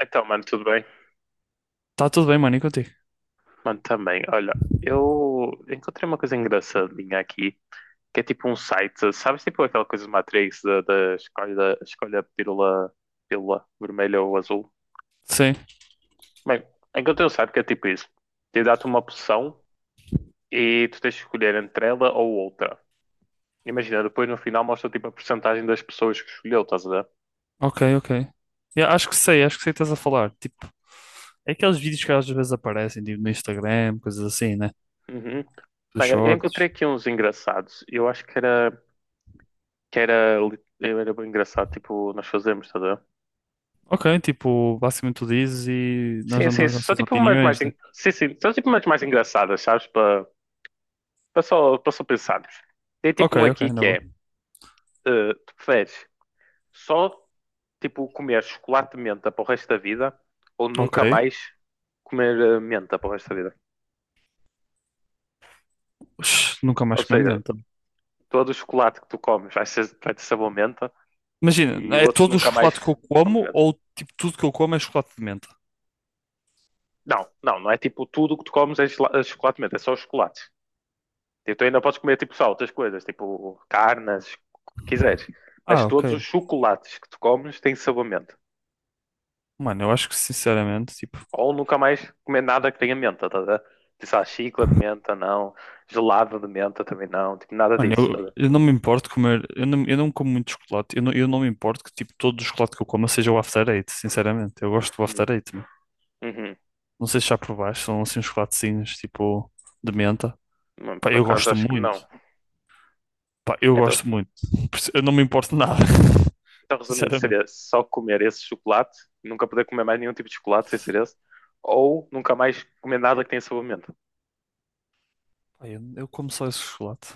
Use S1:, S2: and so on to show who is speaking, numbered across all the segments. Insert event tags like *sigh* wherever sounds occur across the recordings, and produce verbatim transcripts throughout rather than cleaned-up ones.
S1: Então, mano, tudo bem?
S2: Tá tudo bem, mano, e contigo?
S1: Mano, também. Olha, eu encontrei uma coisa engraçadinha aqui, que é tipo um site, sabes, tipo aquela coisa do Matrix, da, da escolha, da escolha a pílula, pílula vermelha ou azul.
S2: Sim,
S1: Bem, encontrei um site que é tipo isso. Te dá-te uma opção e tu tens de escolher entre ela ou outra. Imagina, depois no final mostra tipo a porcentagem das pessoas que escolheu, estás a ver?
S2: ok, ok. Yeah, acho que sei, acho que sei o que estás a falar. Tipo, é aqueles vídeos que às vezes aparecem, tipo, no Instagram, coisas assim, né?
S1: Uhum.
S2: Dos
S1: Bem, eu eu encontrei
S2: shorts.
S1: aqui uns engraçados. Eu acho que era, que era, li- Eu era bem engraçado, tipo, nós fazemos, estás a ver?
S2: Ok, tipo, basicamente tu dizes e nós
S1: Sim,
S2: damos
S1: sim,
S2: as
S1: só
S2: nossas
S1: tipo umas mais,
S2: opiniões, né?
S1: en- sim, sim, só tipo umas mais engraçadas, sabes? Para para só, para só pensarmos. Tem tipo
S2: Ok,
S1: um
S2: ok,
S1: aqui
S2: na
S1: que
S2: boa.
S1: é, eh, tu preferes só tipo comer chocolate de menta para o resto da vida ou nunca
S2: Ok.
S1: mais comer eh, menta para o resto da vida?
S2: Ux, nunca
S1: Ou
S2: mais comi
S1: seja,
S2: menta.
S1: todo o chocolate que tu comes vai ser, vai ter sabor menta, e
S2: Imagina,
S1: o
S2: é
S1: outro
S2: todo o
S1: nunca
S2: chocolate que
S1: mais
S2: eu
S1: comes
S2: como
S1: menta.
S2: ou, tipo, tudo que eu como é chocolate de menta?
S1: Não, não, não é tipo tudo que tu comes é chela- é chocolate de menta, é só os chocolates. Tipo, tu ainda podes comer tipo só outras coisas, tipo carnes, o que quiseres. Mas
S2: Ah,
S1: todos os
S2: ok.
S1: chocolates que tu comes têm sabor menta.
S2: Mano, eu acho que, sinceramente, tipo,
S1: Ou nunca mais comer nada que tenha menta, tá a ver? Tipo, sei lá, chicla de menta, não. Gelado de menta também não. Tipo, nada
S2: Mano,
S1: disso, tá a
S2: eu,
S1: ver?
S2: eu não me importo comer, eu não, eu não como muito chocolate, eu não, eu não me importo que tipo todo o chocolate que eu coma seja o After Eight, sinceramente. Eu gosto do
S1: Hum,
S2: After Eight, meu.
S1: uhum.
S2: Não sei se já provaste, são assim uns chocolatezinhos tipo de menta.
S1: Não,
S2: Pá,
S1: por
S2: eu
S1: acaso
S2: gosto
S1: acho que
S2: muito,
S1: não.
S2: pá, eu
S1: Então,
S2: gosto muito. Por isso, Eu não me importo de nada,
S1: então,
S2: *laughs*
S1: resumindo,
S2: sinceramente.
S1: seria só comer esse chocolate, nunca poder comer mais nenhum tipo de chocolate sem ser esse, ou nunca mais comer nada que tenha sabor a menta.
S2: Pá, eu, eu como só esse chocolate.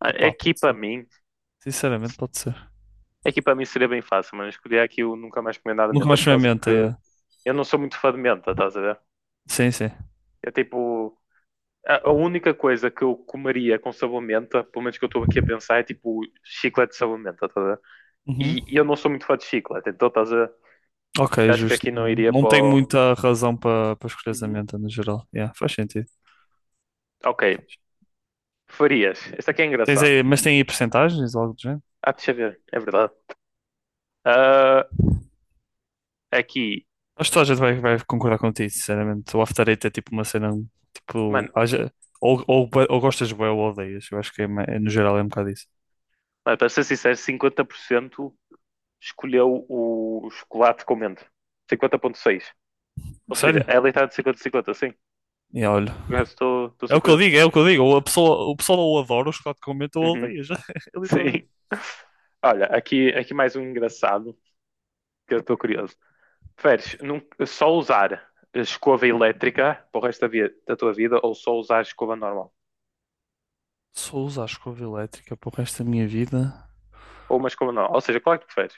S1: Ah,
S2: Pá,
S1: É
S2: pá,
S1: que
S2: pode
S1: para
S2: ser.
S1: mim,
S2: Sinceramente, pode ser.
S1: É que para mim seria bem fácil, mas escolhi aqui o Nunca Mais Comer Nada de
S2: Nunca
S1: Menta
S2: mais
S1: por
S2: comi a
S1: causa
S2: menta,
S1: que
S2: é.
S1: eu não sou muito fã de menta, estás a ver?
S2: Sim, sim.
S1: É tipo, a, a única coisa que eu comeria com sabor menta, pelo menos que eu estou aqui a pensar, é tipo chiclete de sabor menta, estás a ver?
S2: Uhum.
S1: E, e eu não sou muito fã de chiclete, então estás a ver?
S2: Ok,
S1: Acho que
S2: justo.
S1: aqui não
S2: Não,
S1: iria
S2: não
S1: para
S2: tem
S1: o...
S2: muita razão para para escolher a
S1: Uhum.
S2: menta no geral. Yeah, faz sentido.
S1: Ok, farias. Este aqui é
S2: Tens
S1: engraçado.
S2: aí, mas tem aí percentagens, algo do género?
S1: Ah, deixa eu ver, é verdade. Ah, aqui,
S2: Acho que toda a gente vai, vai concordar contigo, sinceramente. O After Eight é tipo uma cena, tipo,
S1: mano,
S2: haja- ou, ou, ou gostas bué ou odeias. Eu acho que é, ma- é, no geral é um bocado isso.
S1: mano, para ser sincero, cinquenta por cento escolheu o chocolate com menta. cinquenta vírgula seis. Ou seja,
S2: Sério?
S1: ela está de cinquenta a cinquenta, sim.
S2: E olha,
S1: Eu estou, estou
S2: é o que eu
S1: surpreso.
S2: digo, é o que eu digo. Ou A pessoa, o pessoal ou adora o chocolate com menta ou
S1: Uhum.
S2: odeias. *laughs* É
S1: *laughs*
S2: literalmente.
S1: Sim. Olha, aqui, aqui mais um engraçado que eu estou curioso. Preferes num- só usar escova elétrica para o resto da, vi- da tua vida ou só usar escova normal?
S2: Só usar a escova elétrica para o resto da minha vida.
S1: Ou uma escova normal? Ou seja, qual é que preferes?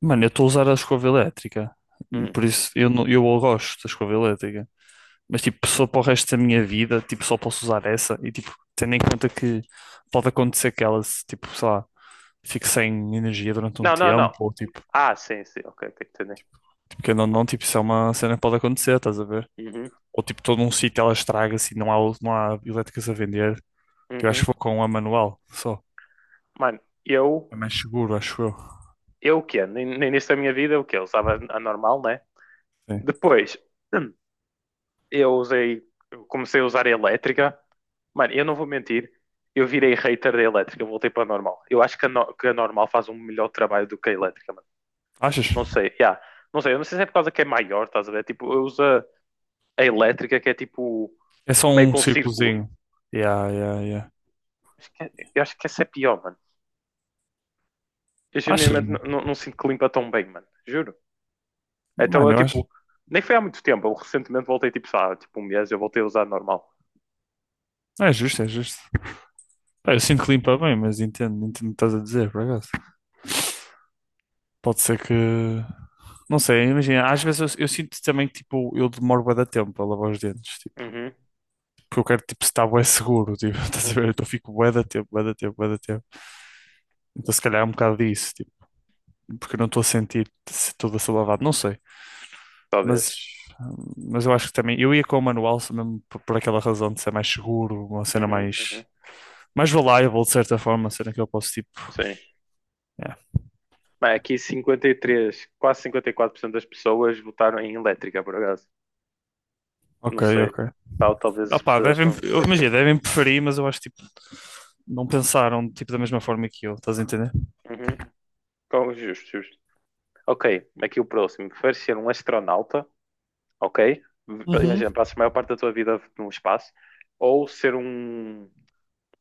S2: Mano, eu estou a usar a escova elétrica.
S1: Uhum.
S2: Por isso, eu, não, eu gosto da escova elétrica. Mas tipo, só para o resto da minha vida, tipo, só posso usar essa e tipo, tendo em
S1: Uhum.
S2: conta que pode acontecer que ela, se, tipo, sei lá, fique sem energia durante um
S1: Não, não,
S2: tempo,
S1: não.
S2: ou tipo,
S1: Ah, sim, sim. Ok, ok, entendi.
S2: tipo que não, não, tipo, isso é uma cena que pode acontecer, estás a ver?
S1: Uhum.
S2: Ou tipo, todo um sítio ela estraga-se e não há, não há elétricas a vender, que eu acho
S1: Uhum.
S2: que vou com a manual só.
S1: Mano, eu,
S2: É mais seguro, acho eu.
S1: eu o quê? No no início da minha vida, o quê? Eu usava a normal, né?
S2: Sim.
S1: Depois, *clears throat* eu usei, eu comecei a usar a elétrica. Mano, eu não vou mentir, eu virei hater da elétrica, voltei para a normal. Eu acho que a, no- que a normal faz um melhor trabalho do que a elétrica, mano.
S2: Achas?
S1: Não sei, yeah. Não sei, eu não sei se é por causa que é maior, estás a ver? Tipo, eu uso a a elétrica que é tipo
S2: É só
S1: meio
S2: um
S1: com círculo.
S2: círculozinho. Yeah, yeah, yeah.
S1: Acho que é- eu acho que essa é pior, mano. Eu
S2: Achas,
S1: genuinamente n-
S2: mano?
S1: não não sinto que limpa tão bem, mano. Juro. Então eu
S2: Mano, eu acho.
S1: tipo, nem foi há muito tempo, eu recentemente voltei tipo, sei lá, tipo um mês, eu voltei a usar a normal.
S2: É justo, é justo. Pá, eu sinto que limpa bem, mas entendo, entendo o que estás a dizer, por acaso. Pode ser que. Não sei, imagina, às vezes eu, eu sinto também que tipo, eu demoro bué da tempo a lavar os dentes, tipo,
S1: Uhum,
S2: porque eu quero tipo, estar bué seguro, tipo, *laughs* estás a ver?
S1: uhum,
S2: Então eu fico bué da tempo, bué da tempo, bué da tempo. Então se calhar é um bocado disso, tipo, porque eu não estou a sentir se tudo a ser lavado, não sei. Mas,
S1: talvez.
S2: mas eu acho que também, eu ia com o manual só mesmo por, por aquela razão de ser mais seguro, uma cena
S1: Uhum, uhum,
S2: mais, mais reliable de certa forma, uma cena que eu posso tipo.
S1: sim.
S2: É.
S1: Bem, aqui cinquenta e três, quase cinquenta e quatro por cento das pessoas votaram em elétrica, por acaso. Não
S2: Ok,
S1: sei.
S2: ok.
S1: Tal, talvez as
S2: Opá,
S1: pessoas
S2: devem,
S1: acham
S2: eu-
S1: elétrica é
S2: imagina,
S1: melhor.
S2: devem preferir, mas eu acho tipo, não pensaram tipo, da mesma forma que eu, estás a entender?
S1: Uhum. Com- justo, justo. Ok, aqui o próximo. Preferes ser um astronauta, ok? V-
S2: Uhum.
S1: Imagina, passas a maior parte da tua vida no espaço. Ou ser um,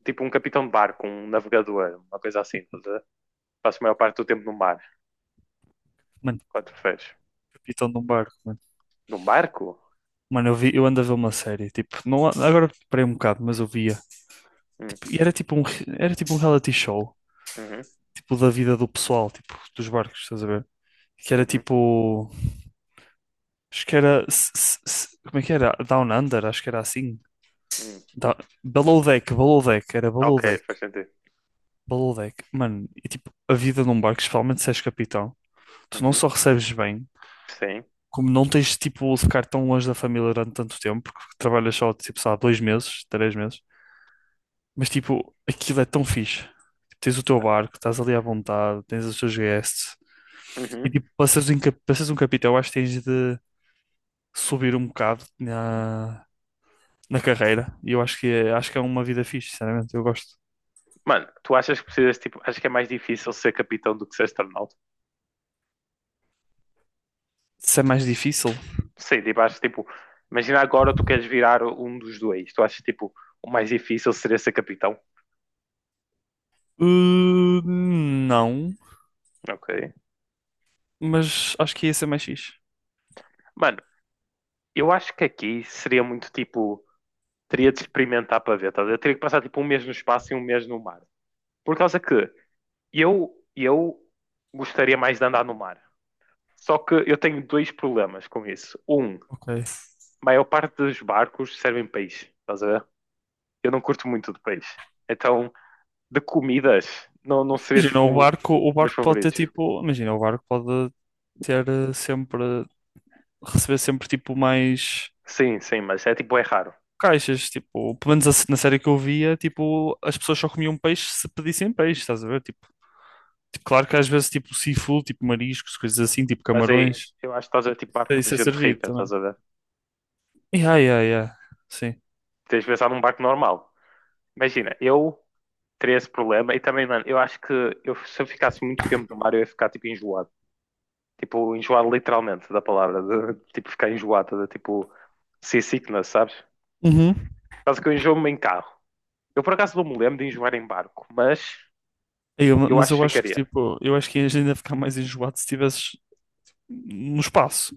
S1: tipo um capitão de barco, um navegador, uma coisa assim. Estás a ver? Passas a maior parte do tempo no mar.
S2: Mano,
S1: Qual tu preferes?
S2: capitão de um barco, mano.
S1: Num barco?
S2: Mano, eu vi, eu ando a ver uma série, tipo, não, há- agora parei um bocado, mas eu via,
S1: Hum,
S2: tipo, e era tipo um, re- era tipo um reality show,
S1: uhum,
S2: tipo, da vida do pessoal, tipo, dos barcos, estás a ver? Que era
S1: uhum,
S2: tipo, acho que era, s- s- s- como é que era? Down Under, acho que era assim.
S1: hum.
S2: Da- Below Deck, Below Deck, era Below
S1: Ok,
S2: Deck,
S1: faz sentido.
S2: Below Deck. Mano, e tipo, a vida num barco, especialmente se és capitão, tu não
S1: Uhum,
S2: só recebes bem,
S1: sim.
S2: como não tens tipo de ficar tão longe da família durante tanto tempo, porque trabalhas só tipo, sei lá, dois meses, três meses, mas tipo, aquilo é tão fixe. Tens o teu barco, estás ali à vontade, tens os teus guests, e
S1: Uhum.
S2: tipo, para seres um, cap- para seres um capitão, eu acho que tens de subir um bocado na, na, carreira, e eu acho que, é- acho que é uma vida fixe, sinceramente, eu gosto.
S1: Mano, tu achas que precisas, tipo, acho que é mais difícil ser capitão do que ser astronauta?
S2: Se é mais difícil?
S1: Sim, tipo, acho tipo, imagina agora tu queres virar um dos dois. Tu achas, tipo, o mais difícil seria ser capitão?
S2: Uh, não,
S1: Ok.
S2: mas acho que ia ser mais fixe.
S1: Mano, eu acho que aqui seria muito, tipo, teria de experimentar para ver, tá a ver? Eu teria que passar, tipo, um mês no espaço e um mês no mar. Por causa que eu, eu gostaria mais de andar no mar. Só que eu tenho dois problemas com isso. Um, a
S2: Ok.
S1: maior parte dos barcos servem peixe, estás a ver? Eu não curto muito de peixe. Então, de comidas, não, não seria
S2: Imagina, o
S1: tipo
S2: barco, o
S1: meus
S2: barco pode ter
S1: favoritos.
S2: tipo. Imagina, o barco pode ter eh, sempre. Receber sempre tipo mais
S1: Sim, sim, mas é tipo, é raro.
S2: caixas. Tipo, pelo menos a se- na série que eu via, tipo, as pessoas só comiam peixe se pedissem peixe, estás a ver? Tipo, tipo, claro que às vezes tipo seafood, tipo mariscos, coisas assim, tipo
S1: Mas é,
S2: camarões.
S1: eu acho que estás a ver tipo barco de
S2: Isso é
S1: gente
S2: servido
S1: rica,
S2: também.
S1: estás a ver?
S2: Yeah, yeah, yeah. Sim.
S1: Tens de pensar num barco normal. Imagina, eu teria esse problema e também, mano, eu acho que eu, se eu ficasse muito tempo no mar, eu ia ficar tipo enjoado. Tipo, enjoado literalmente da palavra, de, tipo ficar enjoado, de, tipo seasickness, sabes?
S2: Uhum.
S1: Quase que eu enjoo-me em carro. Eu por acaso não me lembro de enjoar em barco, mas
S2: Eu-
S1: eu
S2: mas
S1: acho que
S2: eu acho que
S1: ficaria.
S2: tipo, eu acho que ias ainda ficar mais enjoado se estivesses no espaço.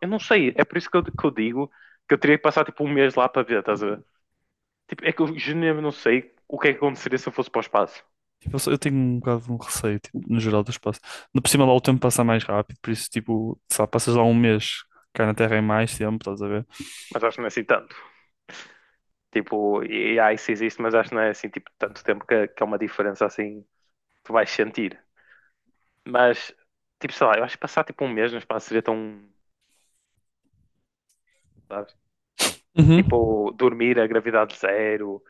S1: Eu não sei, é por isso que eu, que eu digo que eu teria que passar tipo um mês lá para ver, estás a ver? Tipo, é que eu genuinamente não sei o que é que aconteceria se eu fosse para o espaço.
S2: Tipo, eu, sou- eu tenho um bocado de um receio, tipo, no geral do espaço. No por cima lá o tempo passa mais rápido, por isso, tipo, sei lá, passas lá um mês, cá na Terra é mais tempo, estás a ver?
S1: Mas acho que não é assim tanto. Tipo, e há isso existe, mas acho que não é assim tipo tanto tempo que, que é uma diferença assim que tu vais sentir. Mas, tipo, sei lá, eu acho que passar tipo um mês no espaço seria tão, sabes?
S2: Uhum.
S1: Tipo, dormir a gravidade zero,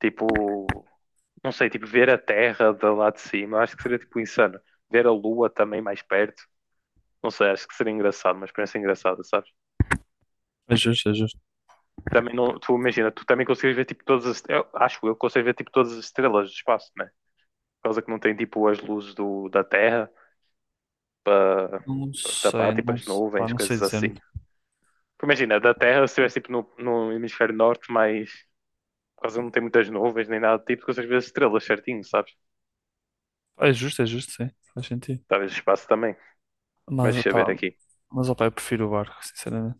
S1: tipo, não sei, tipo, ver a Terra de lá de cima, acho que seria tipo insano. Ver a Lua também mais perto. Não sei, acho que seria engraçado, uma experiência engraçada, sabes?
S2: É justo, é justo.
S1: Também não, tu imagina, tu também consegues ver tipo todas as, eu acho eu que consigo ver tipo todas as estrelas do espaço, né? Por causa que não tem tipo as luzes do, da Terra para
S2: Não
S1: tapar
S2: sei,
S1: tipo
S2: não,
S1: as
S2: se- pá,
S1: nuvens,
S2: não sei
S1: coisas
S2: dizer.
S1: assim. Porque imagina, da Terra, se estivesse tipo no, no hemisfério norte, mas por causa que não tem muitas nuvens nem nada do tipo, tu consegues ver as estrelas certinho, sabes?
S2: É justo, é justo, sim, faz sentido.
S1: Talvez o espaço também.
S2: Mas,
S1: Mas deixa eu
S2: pá,
S1: ver aqui.
S2: mas, ó, pá, eu prefiro o barco, sinceramente.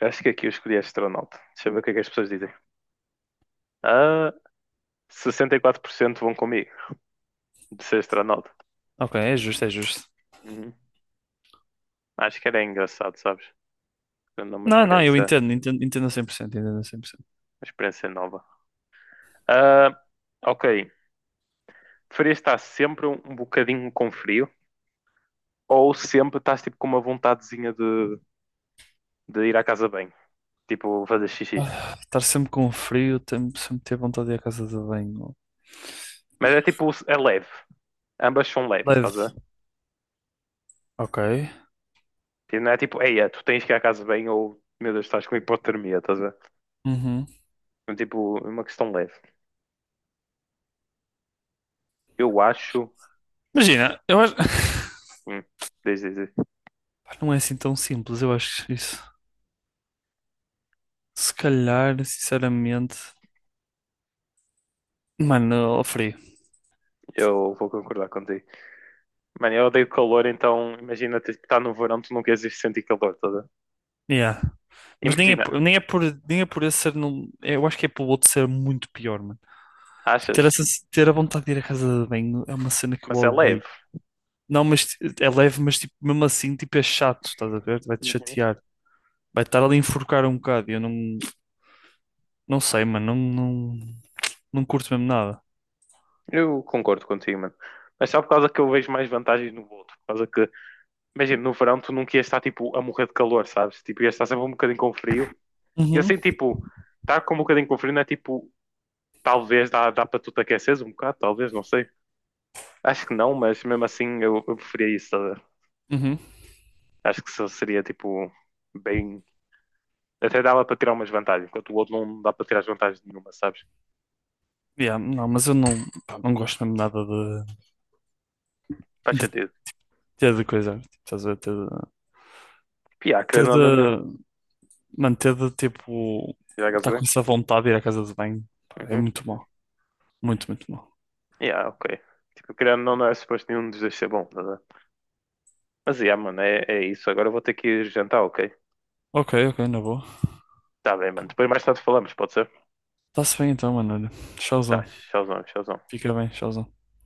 S1: Eu acho que aqui eu escolhi astronauta. Deixa eu ver o que é que as pessoas dizem. Ah, sessenta e quatro por cento vão comigo de ser astronauta.
S2: Ok, é justo, é justo.
S1: Uhum. Acho que era engraçado, sabes? Dando uma
S2: Não, não, eu
S1: experiência, uma
S2: entendo, entendo, entendo a cem por cento entendo a cem por cento.
S1: experiência nova. Ah, ok. Preferias estar sempre um, um bocadinho com frio ou sempre estás tipo com uma vontadezinha de, de ir à casa bem? Tipo, fazer xixi.
S2: Ah, estar sempre com frio, tem- sempre ter vontade de ir à casa de banho.
S1: Mas é tipo, é leve. Ambas são leves, estás a
S2: Leve.
S1: ver?
S2: Ok.
S1: Tipo, não é tipo, eia, tu tens que ir à casa bem ou, meu Deus, estás com hipotermia, estás a ver?
S2: Uhum.
S1: É tipo, é uma questão leve. Eu acho.
S2: Imagina, eu acho.
S1: Hum, diz, diz, diz.
S2: Pá, Não é assim tão simples, eu acho isso. Se calhar, sinceramente, mano, ao frio.
S1: Eu vou concordar contigo. Mano, eu odeio calor, então imagina tipo, estar no verão, tu não queres ir sentir calor, estás a ver?
S2: Yeah. Mas nem é,
S1: Imagina,
S2: por- nem é por, nem é por esse ser, não, é, eu acho que é pelo outro ser muito pior, mano. Ter,
S1: achas?
S2: essa, ter a vontade de ir à casa de banho é uma cena que eu
S1: Mas é leve.
S2: odeio. Não, mas t- é leve, mas tipo, mesmo assim, tipo, é chato, estás a ver? Vai-te
S1: Uhum.
S2: chatear. Vai estar ali a enforcar um bocado. e Eu não, não sei, mano, não, não, não curto mesmo nada.
S1: Eu concordo contigo, mano. Mas só por causa que eu vejo mais vantagens no outro. Por causa que, imagina, no verão tu nunca ias estar tipo a morrer de calor, sabes? Tipo, ias estar sempre um bocadinho com frio. E
S2: Uhum.
S1: assim, tipo, estar com um bocadinho com frio não é tipo, talvez dá, dá para tu te aqueceres um bocado, talvez, não sei. Acho que não, mas mesmo assim eu, eu preferia isso. Estás a ver?
S2: Uhum.
S1: Acho que isso seria tipo bem. Até dava para tirar umas vantagens, enquanto o outro não dá para tirar as vantagens nenhuma, sabes?
S2: Yeah, não, mas eu não, pá, não gosto mesmo nada
S1: Faz
S2: de,
S1: sentido.
S2: Ter de coisa, tipo, estás a ver, ter de,
S1: Piá,
S2: ter
S1: querendo ou
S2: de,
S1: não, não.
S2: mano, ter de tipo,
S1: Já
S2: estar
S1: bem?
S2: com essa vontade de ir à casa de banho, pá, é
S1: Uhum.
S2: muito mau, muito, muito mau.
S1: Yeah, ok. Tipo, querendo ou não, não é suposto nenhum dos dois ser bom, tá a ver? Mas yeah, mano, é, é isso. Agora eu vou ter que ir jantar, ok?
S2: Ok, ok, na boa.
S1: Tá bem, mano. Depois mais tarde falamos, pode ser?
S2: Está-se bem então, mano, olha,
S1: Tá,
S2: tchauzão,
S1: tchauzão, tchauzão.
S2: fica bem, tchauzão.